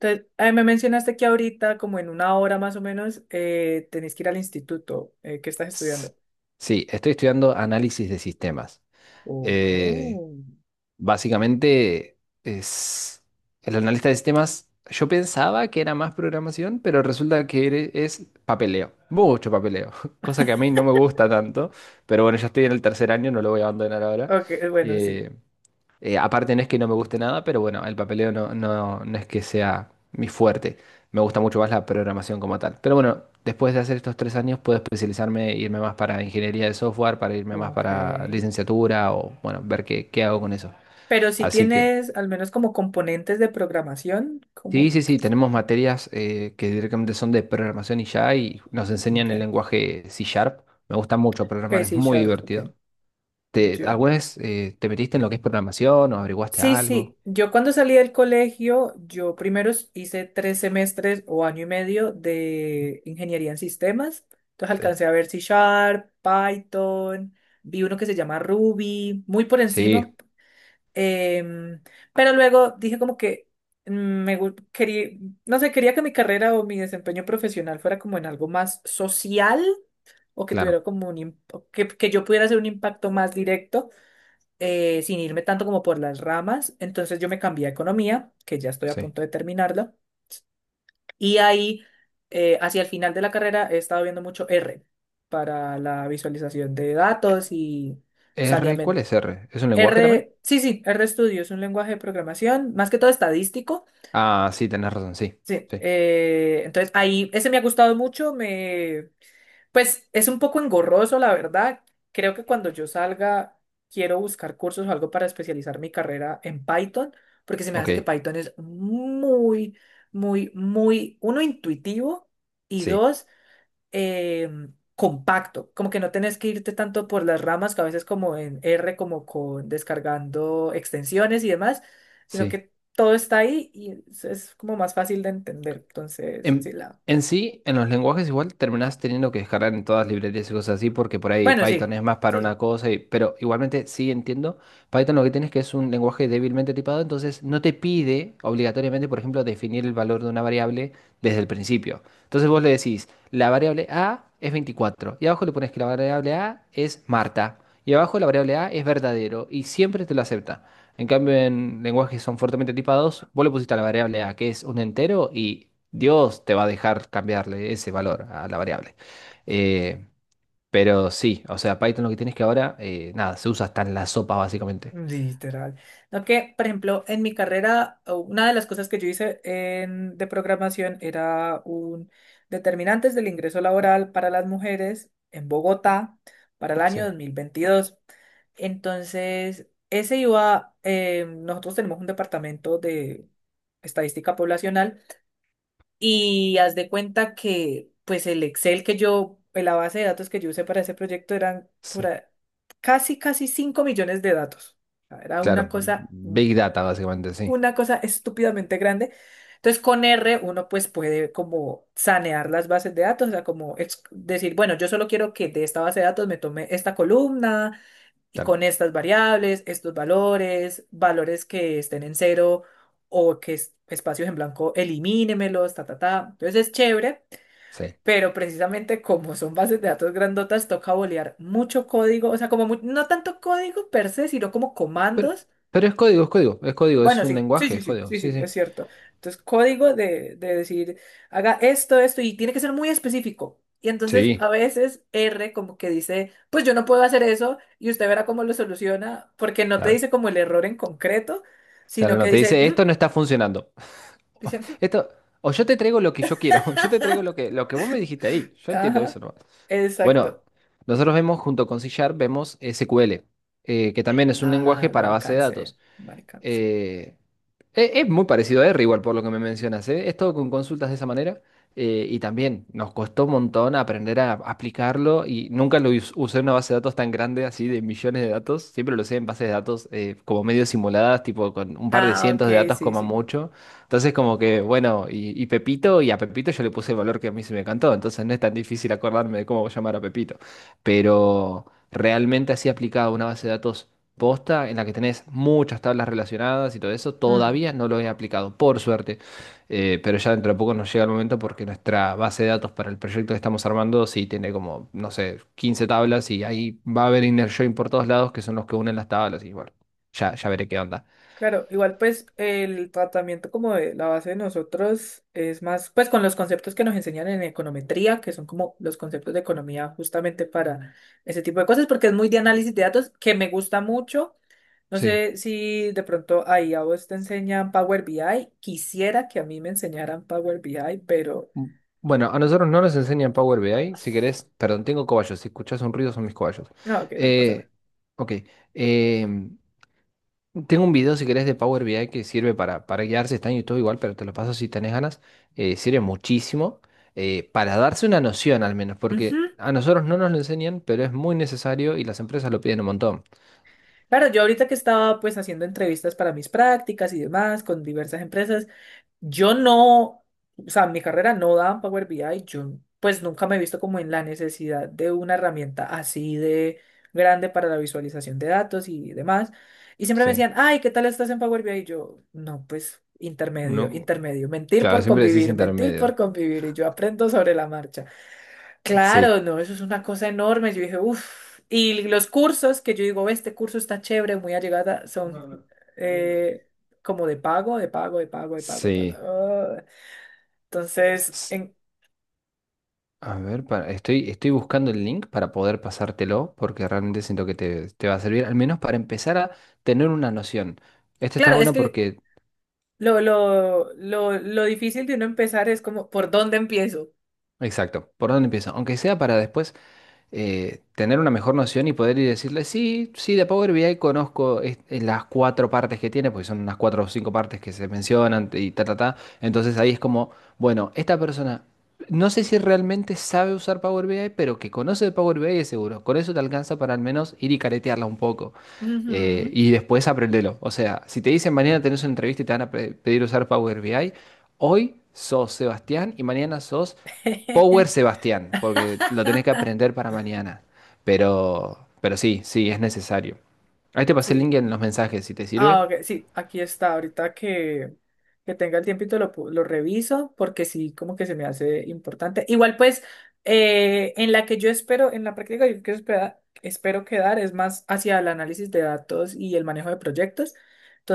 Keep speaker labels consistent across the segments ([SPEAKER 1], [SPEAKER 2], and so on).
[SPEAKER 1] Entonces, me mencionaste que ahorita, como en una hora más o menos, tenés que ir al instituto. ¿Qué estás
[SPEAKER 2] S-
[SPEAKER 1] estudiando?
[SPEAKER 2] Sí, estoy estudiando análisis de sistemas. Eh,
[SPEAKER 1] Oh.
[SPEAKER 2] Básicamente es el analista de sistemas. Yo pensaba que era más programación, pero resulta que es papeleo, mucho papeleo, cosa que a mí no me gusta tanto, pero bueno, ya estoy en el tercer año, no lo voy a abandonar ahora.
[SPEAKER 1] Ok, bueno, sí.
[SPEAKER 2] Eh, Aparte no es que no me guste nada, pero bueno, el papeleo no es que sea mi fuerte. Me gusta mucho más la programación como tal. Pero bueno, después de hacer estos 3 años puedo especializarme, e irme más para ingeniería de software, para irme más
[SPEAKER 1] Ok.
[SPEAKER 2] para licenciatura o bueno, ver qué, qué hago con eso.
[SPEAKER 1] Pero si
[SPEAKER 2] Así que
[SPEAKER 1] tienes al menos como componentes de programación,
[SPEAKER 2] sí,
[SPEAKER 1] como.
[SPEAKER 2] sí, sí, tenemos materias que directamente son de programación y ya y nos enseñan
[SPEAKER 1] Ok.
[SPEAKER 2] el lenguaje C Sharp. Me gusta mucho
[SPEAKER 1] Ok,
[SPEAKER 2] programar, es
[SPEAKER 1] sí
[SPEAKER 2] muy
[SPEAKER 1] Sharp, ok.
[SPEAKER 2] divertido. Alguna vez te metiste en lo que es programación o averiguaste
[SPEAKER 1] Sí,
[SPEAKER 2] algo?
[SPEAKER 1] sí. Yo cuando salí del colegio, yo primero hice 3 semestres o año y medio de ingeniería en sistemas. Entonces
[SPEAKER 2] Sí.
[SPEAKER 1] alcancé a ver C Sharp, Python, vi uno que se llama Ruby, muy por encima.
[SPEAKER 2] Sí,
[SPEAKER 1] em, pero luego dije como que mm, me quería, no sé, quería que mi carrera o mi desempeño profesional fuera como en algo más social o que
[SPEAKER 2] claro.
[SPEAKER 1] tuviera como que yo pudiera hacer un impacto más directo sin irme tanto como por las ramas. Entonces yo me cambié a economía, que ya estoy a
[SPEAKER 2] Sí.
[SPEAKER 1] punto de terminarla. Y ahí, hacia el final de la carrera, he estado viendo mucho R para la visualización de datos y
[SPEAKER 2] R, ¿cuál
[SPEAKER 1] saneamiento.
[SPEAKER 2] es R? ¿Es un lenguaje también?
[SPEAKER 1] R, sí, sí, RStudio es un lenguaje de programación, más que todo estadístico.
[SPEAKER 2] Ah, sí, tenés razón, sí.
[SPEAKER 1] Sí,
[SPEAKER 2] Sí.
[SPEAKER 1] entonces ahí, ese me ha gustado mucho. Pues es un poco engorroso, la verdad. Creo que cuando yo salga, quiero buscar cursos o algo para especializar mi carrera en Python, porque se me hace que
[SPEAKER 2] Ok.
[SPEAKER 1] Python es muy, muy, muy, uno, intuitivo y
[SPEAKER 2] Sí.
[SPEAKER 1] dos, eh, compacto. Como que no tenés que irte tanto por las ramas, que a veces como en R, como con descargando extensiones y demás, sino
[SPEAKER 2] Sí.
[SPEAKER 1] que todo está ahí y es como más fácil de entender. Entonces, sí,
[SPEAKER 2] En,
[SPEAKER 1] la.
[SPEAKER 2] en sí, en los lenguajes igual terminás teniendo que descargar en todas las librerías y cosas así, porque por ahí
[SPEAKER 1] Bueno,
[SPEAKER 2] Python
[SPEAKER 1] sí.
[SPEAKER 2] es más para
[SPEAKER 1] Sí, sí.
[SPEAKER 2] una cosa, pero igualmente sí entiendo. Python lo que tiene es que es un lenguaje débilmente tipado, entonces no te pide obligatoriamente, por ejemplo, definir el valor de una variable desde el principio. Entonces vos le decís, la variable A es 24 y abajo le pones que la variable A es Marta, y abajo la variable A es verdadero, y siempre te lo acepta. En cambio, en lenguajes que son fuertemente tipados, vos le pusiste a la variable A, que es un entero, y Dios te va a dejar cambiarle ese valor a la variable. Eh, pero sí, o sea, Python lo que tienes que ahora, nada, se usa hasta en la sopa, básicamente.
[SPEAKER 1] Literal. No que, por ejemplo, en mi carrera, o una de las cosas que yo hice de programación era un determinantes del ingreso laboral para las mujeres en Bogotá para el año
[SPEAKER 2] Sí,
[SPEAKER 1] 2022. Entonces, ese iba, nosotros tenemos un departamento de estadística poblacional y haz de cuenta que, pues el Excel que yo, la base de datos que yo usé para ese proyecto eran
[SPEAKER 2] sí.
[SPEAKER 1] casi, casi 5 millones de datos. O sea, era
[SPEAKER 2] Claro, Big Data, básicamente, sí.
[SPEAKER 1] una cosa estúpidamente grande. Entonces, con R uno pues puede como sanear las bases de datos, o sea, como decir, bueno, yo solo quiero que de esta base de datos me tome esta columna, y
[SPEAKER 2] Claro,
[SPEAKER 1] con estas variables, estos valores, valores que estén en cero o que espacios en blanco, elimínemelos, ta, ta, ta. Entonces es chévere,
[SPEAKER 2] sí.
[SPEAKER 1] pero precisamente como son bases de datos grandotas, toca bolear mucho código, o sea, como no tanto código per se, sino como
[SPEAKER 2] Pero,
[SPEAKER 1] comandos.
[SPEAKER 2] pero es código, es código, es código, es
[SPEAKER 1] Bueno,
[SPEAKER 2] un
[SPEAKER 1] sí, sí,
[SPEAKER 2] lenguaje,
[SPEAKER 1] sí,
[SPEAKER 2] es
[SPEAKER 1] sí,
[SPEAKER 2] código.
[SPEAKER 1] sí,
[SPEAKER 2] Sí,
[SPEAKER 1] sí,
[SPEAKER 2] sí.
[SPEAKER 1] es cierto. Entonces, código de decir, haga esto, esto, y tiene que ser muy específico. Y entonces,
[SPEAKER 2] Sí,
[SPEAKER 1] a veces R como que dice, pues yo no puedo hacer eso, y usted verá cómo lo soluciona, porque no te
[SPEAKER 2] claro.
[SPEAKER 1] dice como el error en concreto,
[SPEAKER 2] Claro,
[SPEAKER 1] sino que
[SPEAKER 2] no, te
[SPEAKER 1] dice,
[SPEAKER 2] dice,
[SPEAKER 1] "Ujú",
[SPEAKER 2] esto no está funcionando.
[SPEAKER 1] dice, "Ujú".
[SPEAKER 2] Esto, o yo te traigo lo que yo quiero, yo te traigo lo que vos me dijiste ahí. Yo entiendo eso,
[SPEAKER 1] Ajá,
[SPEAKER 2] ¿no?
[SPEAKER 1] exacto.
[SPEAKER 2] Bueno, nosotros vemos junto con C Sharp, vemos SQL, que también es un
[SPEAKER 1] Ah,
[SPEAKER 2] lenguaje
[SPEAKER 1] no
[SPEAKER 2] para base de
[SPEAKER 1] alcancé,
[SPEAKER 2] datos.
[SPEAKER 1] no alcancé.
[SPEAKER 2] Eh, Es muy parecido a R, igual por lo que me mencionas, ¿eh? Es todo con consultas de esa manera. Y también nos costó un montón aprender a aplicarlo y nunca lo usé en una base de datos tan grande, así de millones de datos. Siempre lo usé en bases de datos como medio simuladas, tipo con un par de
[SPEAKER 1] Ah, ok,
[SPEAKER 2] cientos de datos
[SPEAKER 1] sí,
[SPEAKER 2] como
[SPEAKER 1] sí.
[SPEAKER 2] mucho. Entonces como que, bueno, y Pepito, y a Pepito yo le puse el valor que a mí se me cantó. Entonces no es tan difícil acordarme de cómo llamar a Pepito. Pero realmente así aplicado a una base de datos posta en la que tenés muchas tablas relacionadas y todo eso,
[SPEAKER 1] Mm.
[SPEAKER 2] todavía no lo he aplicado, por suerte. Pero ya dentro de poco nos llega el momento porque nuestra base de datos para el proyecto que estamos armando sí tiene como, no sé, 15 tablas y ahí va a haber inner join por todos lados que son los que unen las tablas y bueno, ya, ya veré qué onda.
[SPEAKER 1] Claro, igual pues el tratamiento como de la base de nosotros es más pues con los conceptos que nos enseñan en econometría, que son como los conceptos de economía justamente para ese tipo de cosas, porque es muy de análisis de datos que me gusta mucho. No
[SPEAKER 2] Sí.
[SPEAKER 1] sé si de pronto ahí a vos te enseñan Power BI. Quisiera que a mí me enseñaran Power BI, pero
[SPEAKER 2] Mm, Bueno, a nosotros no nos enseñan Power BI, si querés, perdón, tengo cobayos, si escuchás un ruido son mis cobayos.
[SPEAKER 1] no, ok, no pasa
[SPEAKER 2] Eh,
[SPEAKER 1] nada.
[SPEAKER 2] ok, em, Tengo un video, si querés, de Power BI que sirve para guiarse. Está en YouTube igual, pero te lo paso si tenés ganas. Sirve muchísimo para darse una noción, al menos,
[SPEAKER 1] Ujú.
[SPEAKER 2] porque a nosotros no nos lo enseñan, pero es muy necesario y las empresas lo piden un montón.
[SPEAKER 1] Claro, yo ahorita que estaba pues haciendo entrevistas para mis prácticas y demás con diversas empresas, yo no, o sea, mi carrera no da en Power BI, yo pues nunca me he visto como en la necesidad de una herramienta así de grande para la visualización de datos y demás. Y siempre me
[SPEAKER 2] Sí.
[SPEAKER 1] decían, ay, ¿qué tal estás en Power BI? Y yo, no, pues intermedio,
[SPEAKER 2] No,
[SPEAKER 1] intermedio,
[SPEAKER 2] claro, siempre decís
[SPEAKER 1] mentir por
[SPEAKER 2] intermedio.
[SPEAKER 1] convivir, y yo aprendo sobre la marcha. Claro,
[SPEAKER 2] Sí,
[SPEAKER 1] no, eso es una cosa enorme. Yo dije, uff. Y los cursos que yo digo, este curso está chévere, muy allegada, son eh, como de pago, de pago, de pago, de pago, de pago.
[SPEAKER 2] sí.
[SPEAKER 1] Ah. Entonces,
[SPEAKER 2] S- A ver, estoy buscando el link para poder pasártelo, porque realmente siento que te va a servir, al menos para empezar a tener una noción. Este está
[SPEAKER 1] claro, es
[SPEAKER 2] bueno
[SPEAKER 1] que
[SPEAKER 2] porque,
[SPEAKER 1] lo difícil de uno empezar es como, ¿por dónde empiezo?
[SPEAKER 2] exacto, ¿por dónde empieza? Aunque sea para después. Tener una mejor noción y poder ir y decirle, sí, sí, de Power BI conozco las cuatro partes que tiene, porque son unas cuatro o cinco partes que se mencionan y ta, ta, ta. Entonces ahí es como, bueno, esta persona, no sé si realmente sabe usar Power BI, pero que conoce de Power BI es seguro. Con eso te alcanza para al menos ir y caretearla un poco.
[SPEAKER 1] Ujú.
[SPEAKER 2] Y después aprendelo. O sea, si te dicen mañana tenés una entrevista y te van a pedir usar Power BI, hoy sos Sebastián y mañana sos Power Sebastián, porque lo tenés que aprender para mañana. Pero sí, sí, es necesario. Ahí te pasé el
[SPEAKER 1] Sí.
[SPEAKER 2] link en los mensajes, si te
[SPEAKER 1] Ah,
[SPEAKER 2] sirve.
[SPEAKER 1] ok, sí, aquí está. Ahorita que tenga el tiempito lo reviso porque sí, como que se me hace importante. Igual pues, en la que yo espero, en la práctica yo que espero quedar es más hacia el análisis de datos y el manejo de proyectos.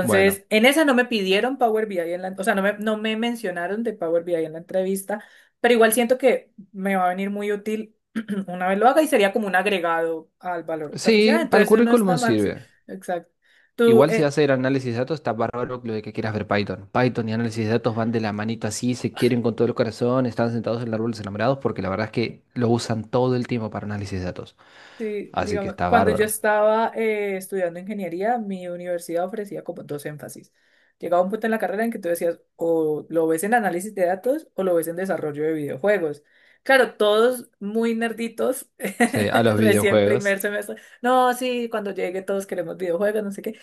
[SPEAKER 2] Bueno,
[SPEAKER 1] en esa no me pidieron Power BI, o sea, no me mencionaron de Power BI en la entrevista, pero igual siento que me va a venir muy útil una vez lo haga y sería como un agregado al valor profesional.
[SPEAKER 2] sí, para el
[SPEAKER 1] Entonces, no está
[SPEAKER 2] currículum
[SPEAKER 1] mal, sí,
[SPEAKER 2] sirve.
[SPEAKER 1] exacto. Tú,
[SPEAKER 2] Igual si
[SPEAKER 1] eh,
[SPEAKER 2] vas a ir a análisis de datos, está bárbaro lo de que quieras ver Python. Python y análisis de datos van de la manito así, se quieren con todo el corazón, están sentados en el árbol de los enamorados porque la verdad es que lo usan todo el tiempo para análisis de datos.
[SPEAKER 1] Sí,
[SPEAKER 2] Así que
[SPEAKER 1] digamos,
[SPEAKER 2] está
[SPEAKER 1] cuando yo
[SPEAKER 2] bárbaro.
[SPEAKER 1] estaba estudiando ingeniería, mi universidad ofrecía como dos énfasis. Llegaba un punto en la carrera en que tú decías, o lo ves en análisis de datos o lo ves en desarrollo de videojuegos. Claro, todos muy nerditos,
[SPEAKER 2] Sí, a los
[SPEAKER 1] recién
[SPEAKER 2] videojuegos.
[SPEAKER 1] primer semestre. No, sí, cuando llegue todos queremos videojuegos, no sé qué.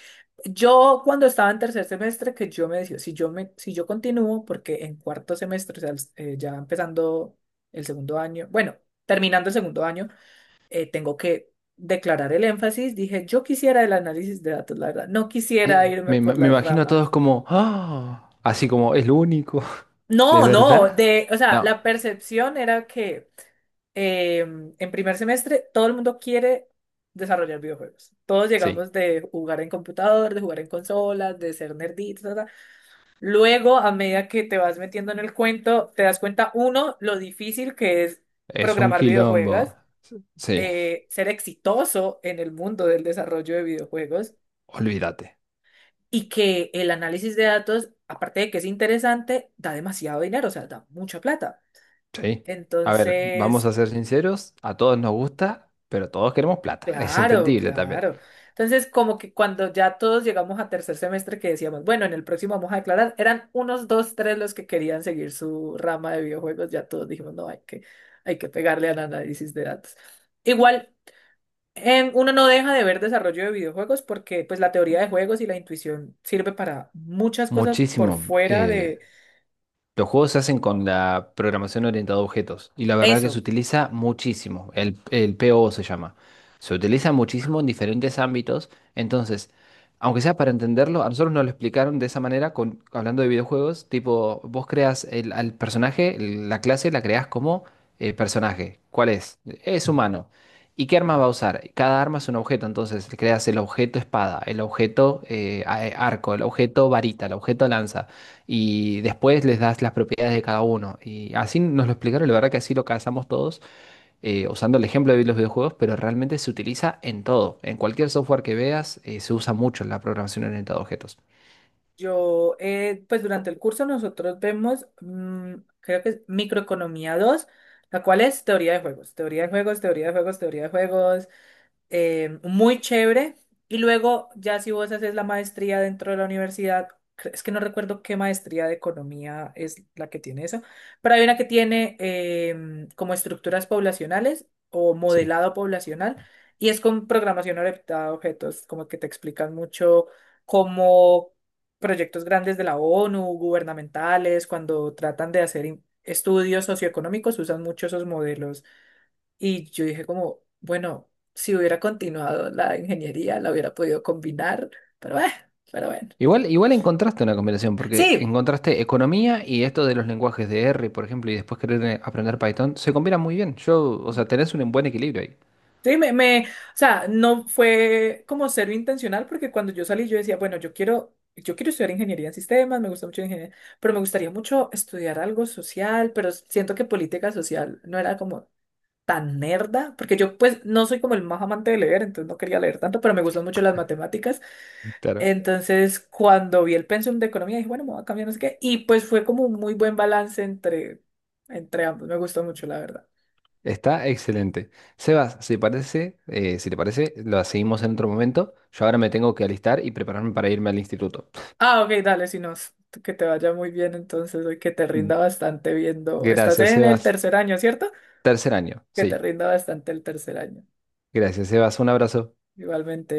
[SPEAKER 1] Yo cuando estaba en tercer semestre, que yo me decía, si yo continúo, porque en cuarto semestre, o sea, ya empezando el segundo año, bueno, terminando el segundo año tengo que declarar el énfasis. Dije, yo quisiera el análisis de datos, la verdad. No quisiera
[SPEAKER 2] Eh,
[SPEAKER 1] irme
[SPEAKER 2] me, ima-
[SPEAKER 1] por
[SPEAKER 2] me
[SPEAKER 1] las
[SPEAKER 2] imagino a todos
[SPEAKER 1] ramas.
[SPEAKER 2] como, "Ah", así como, es lo único. ¿De
[SPEAKER 1] No, no,
[SPEAKER 2] verdad?
[SPEAKER 1] o sea,
[SPEAKER 2] No,
[SPEAKER 1] la percepción era que en primer semestre todo el mundo quiere desarrollar videojuegos. Todos
[SPEAKER 2] sí,
[SPEAKER 1] llegamos de jugar en computador, de jugar en consolas, de ser nerditos, ta, ta. Luego, a medida que te vas metiendo en el cuento, te das cuenta, uno, lo difícil que es
[SPEAKER 2] es un
[SPEAKER 1] programar videojuegos,
[SPEAKER 2] quilombo. Sí,
[SPEAKER 1] ser exitoso en el mundo del desarrollo de videojuegos.
[SPEAKER 2] olvídate.
[SPEAKER 1] Y que el análisis de datos, aparte de que es interesante, da demasiado dinero, o sea, da mucha plata.
[SPEAKER 2] Sí. A ver, vamos
[SPEAKER 1] Entonces,
[SPEAKER 2] a ser sinceros, a todos nos gusta, pero todos queremos plata. Es
[SPEAKER 1] claro,
[SPEAKER 2] entendible también.
[SPEAKER 1] claro. Entonces, como que cuando ya todos llegamos a tercer semestre que decíamos, bueno, en el próximo vamos a declarar, eran unos dos, tres los que querían seguir su rama de videojuegos, ya todos dijimos, no, hay que pegarle al análisis de datos. Igual. Uno no deja de ver desarrollo de videojuegos porque pues la teoría de juegos y la intuición sirve para muchas cosas por
[SPEAKER 2] Muchísimo.
[SPEAKER 1] fuera de
[SPEAKER 2] Los juegos se hacen con la programación orientada a objetos y la verdad que se
[SPEAKER 1] eso.
[SPEAKER 2] utiliza muchísimo, el PO se llama. Se utiliza muchísimo en diferentes ámbitos, entonces, aunque sea para entenderlo, a nosotros nos lo explicaron de esa manera con, hablando de videojuegos, tipo, vos creas al personaje, la clase la creas como personaje. ¿Cuál es? Es humano. ¿Y qué arma va a usar? Cada arma es un objeto, entonces creas el objeto espada, el objeto arco, el objeto varita, el objeto lanza y después les das las propiedades de cada uno. Y así nos lo explicaron, la verdad que así lo cazamos todos, usando el ejemplo de los videojuegos, pero realmente se utiliza en todo. En cualquier software que veas, se usa mucho la programación orientada a objetos.
[SPEAKER 1] Yo, pues durante el curso nosotros vemos, creo que es microeconomía 2 la cual es teoría de juegos, teoría de juegos, teoría de juegos, teoría de juegos, muy chévere. Y luego, ya si vos haces la maestría dentro de la universidad, es que no recuerdo qué maestría de economía es la que tiene eso, pero hay una que tiene como estructuras poblacionales o
[SPEAKER 2] Sí.
[SPEAKER 1] modelado poblacional y es con programación orientada a objetos, como que te explican mucho cómo proyectos grandes de la ONU, gubernamentales, cuando tratan de hacer estudios socioeconómicos, usan mucho esos modelos y yo dije como, bueno, si hubiera continuado la ingeniería, la hubiera podido combinar, pero eh, pero bueno.
[SPEAKER 2] Igual, igual encontraste una combinación, porque
[SPEAKER 1] Sí,
[SPEAKER 2] encontraste economía y esto de los lenguajes de R, por ejemplo, y después querer aprender Python, se combina muy bien. Yo, o sea, tenés un buen equilibrio ahí.
[SPEAKER 1] sí, o sea, no fue como cero intencional porque cuando yo salí yo decía, bueno, yo quiero estudiar ingeniería en sistemas, me gusta mucho la ingeniería, pero me gustaría mucho estudiar algo social, pero siento que política social no era como tan nerda, porque yo pues no soy como el más amante de leer, entonces no quería leer tanto, pero me gustan mucho las matemáticas.
[SPEAKER 2] Claro.
[SPEAKER 1] Entonces, cuando vi el pensum de economía, dije, bueno, me voy a cambiar, no sé qué, y pues fue como un muy buen balance entre ambos, me gustó mucho, la verdad.
[SPEAKER 2] Está excelente. Sebas, si te parece, lo seguimos en otro momento. Yo ahora me tengo que alistar y prepararme para irme al instituto.
[SPEAKER 1] Ah, ok, dale, si no, que te vaya muy bien entonces, y que te rinda bastante viendo, estás
[SPEAKER 2] Gracias,
[SPEAKER 1] en el
[SPEAKER 2] Sebas.
[SPEAKER 1] tercer año, ¿cierto?
[SPEAKER 2] Tercer año,
[SPEAKER 1] Que te
[SPEAKER 2] sí.
[SPEAKER 1] rinda bastante el tercer año.
[SPEAKER 2] Gracias, Sebas. Un abrazo.
[SPEAKER 1] Igualmente.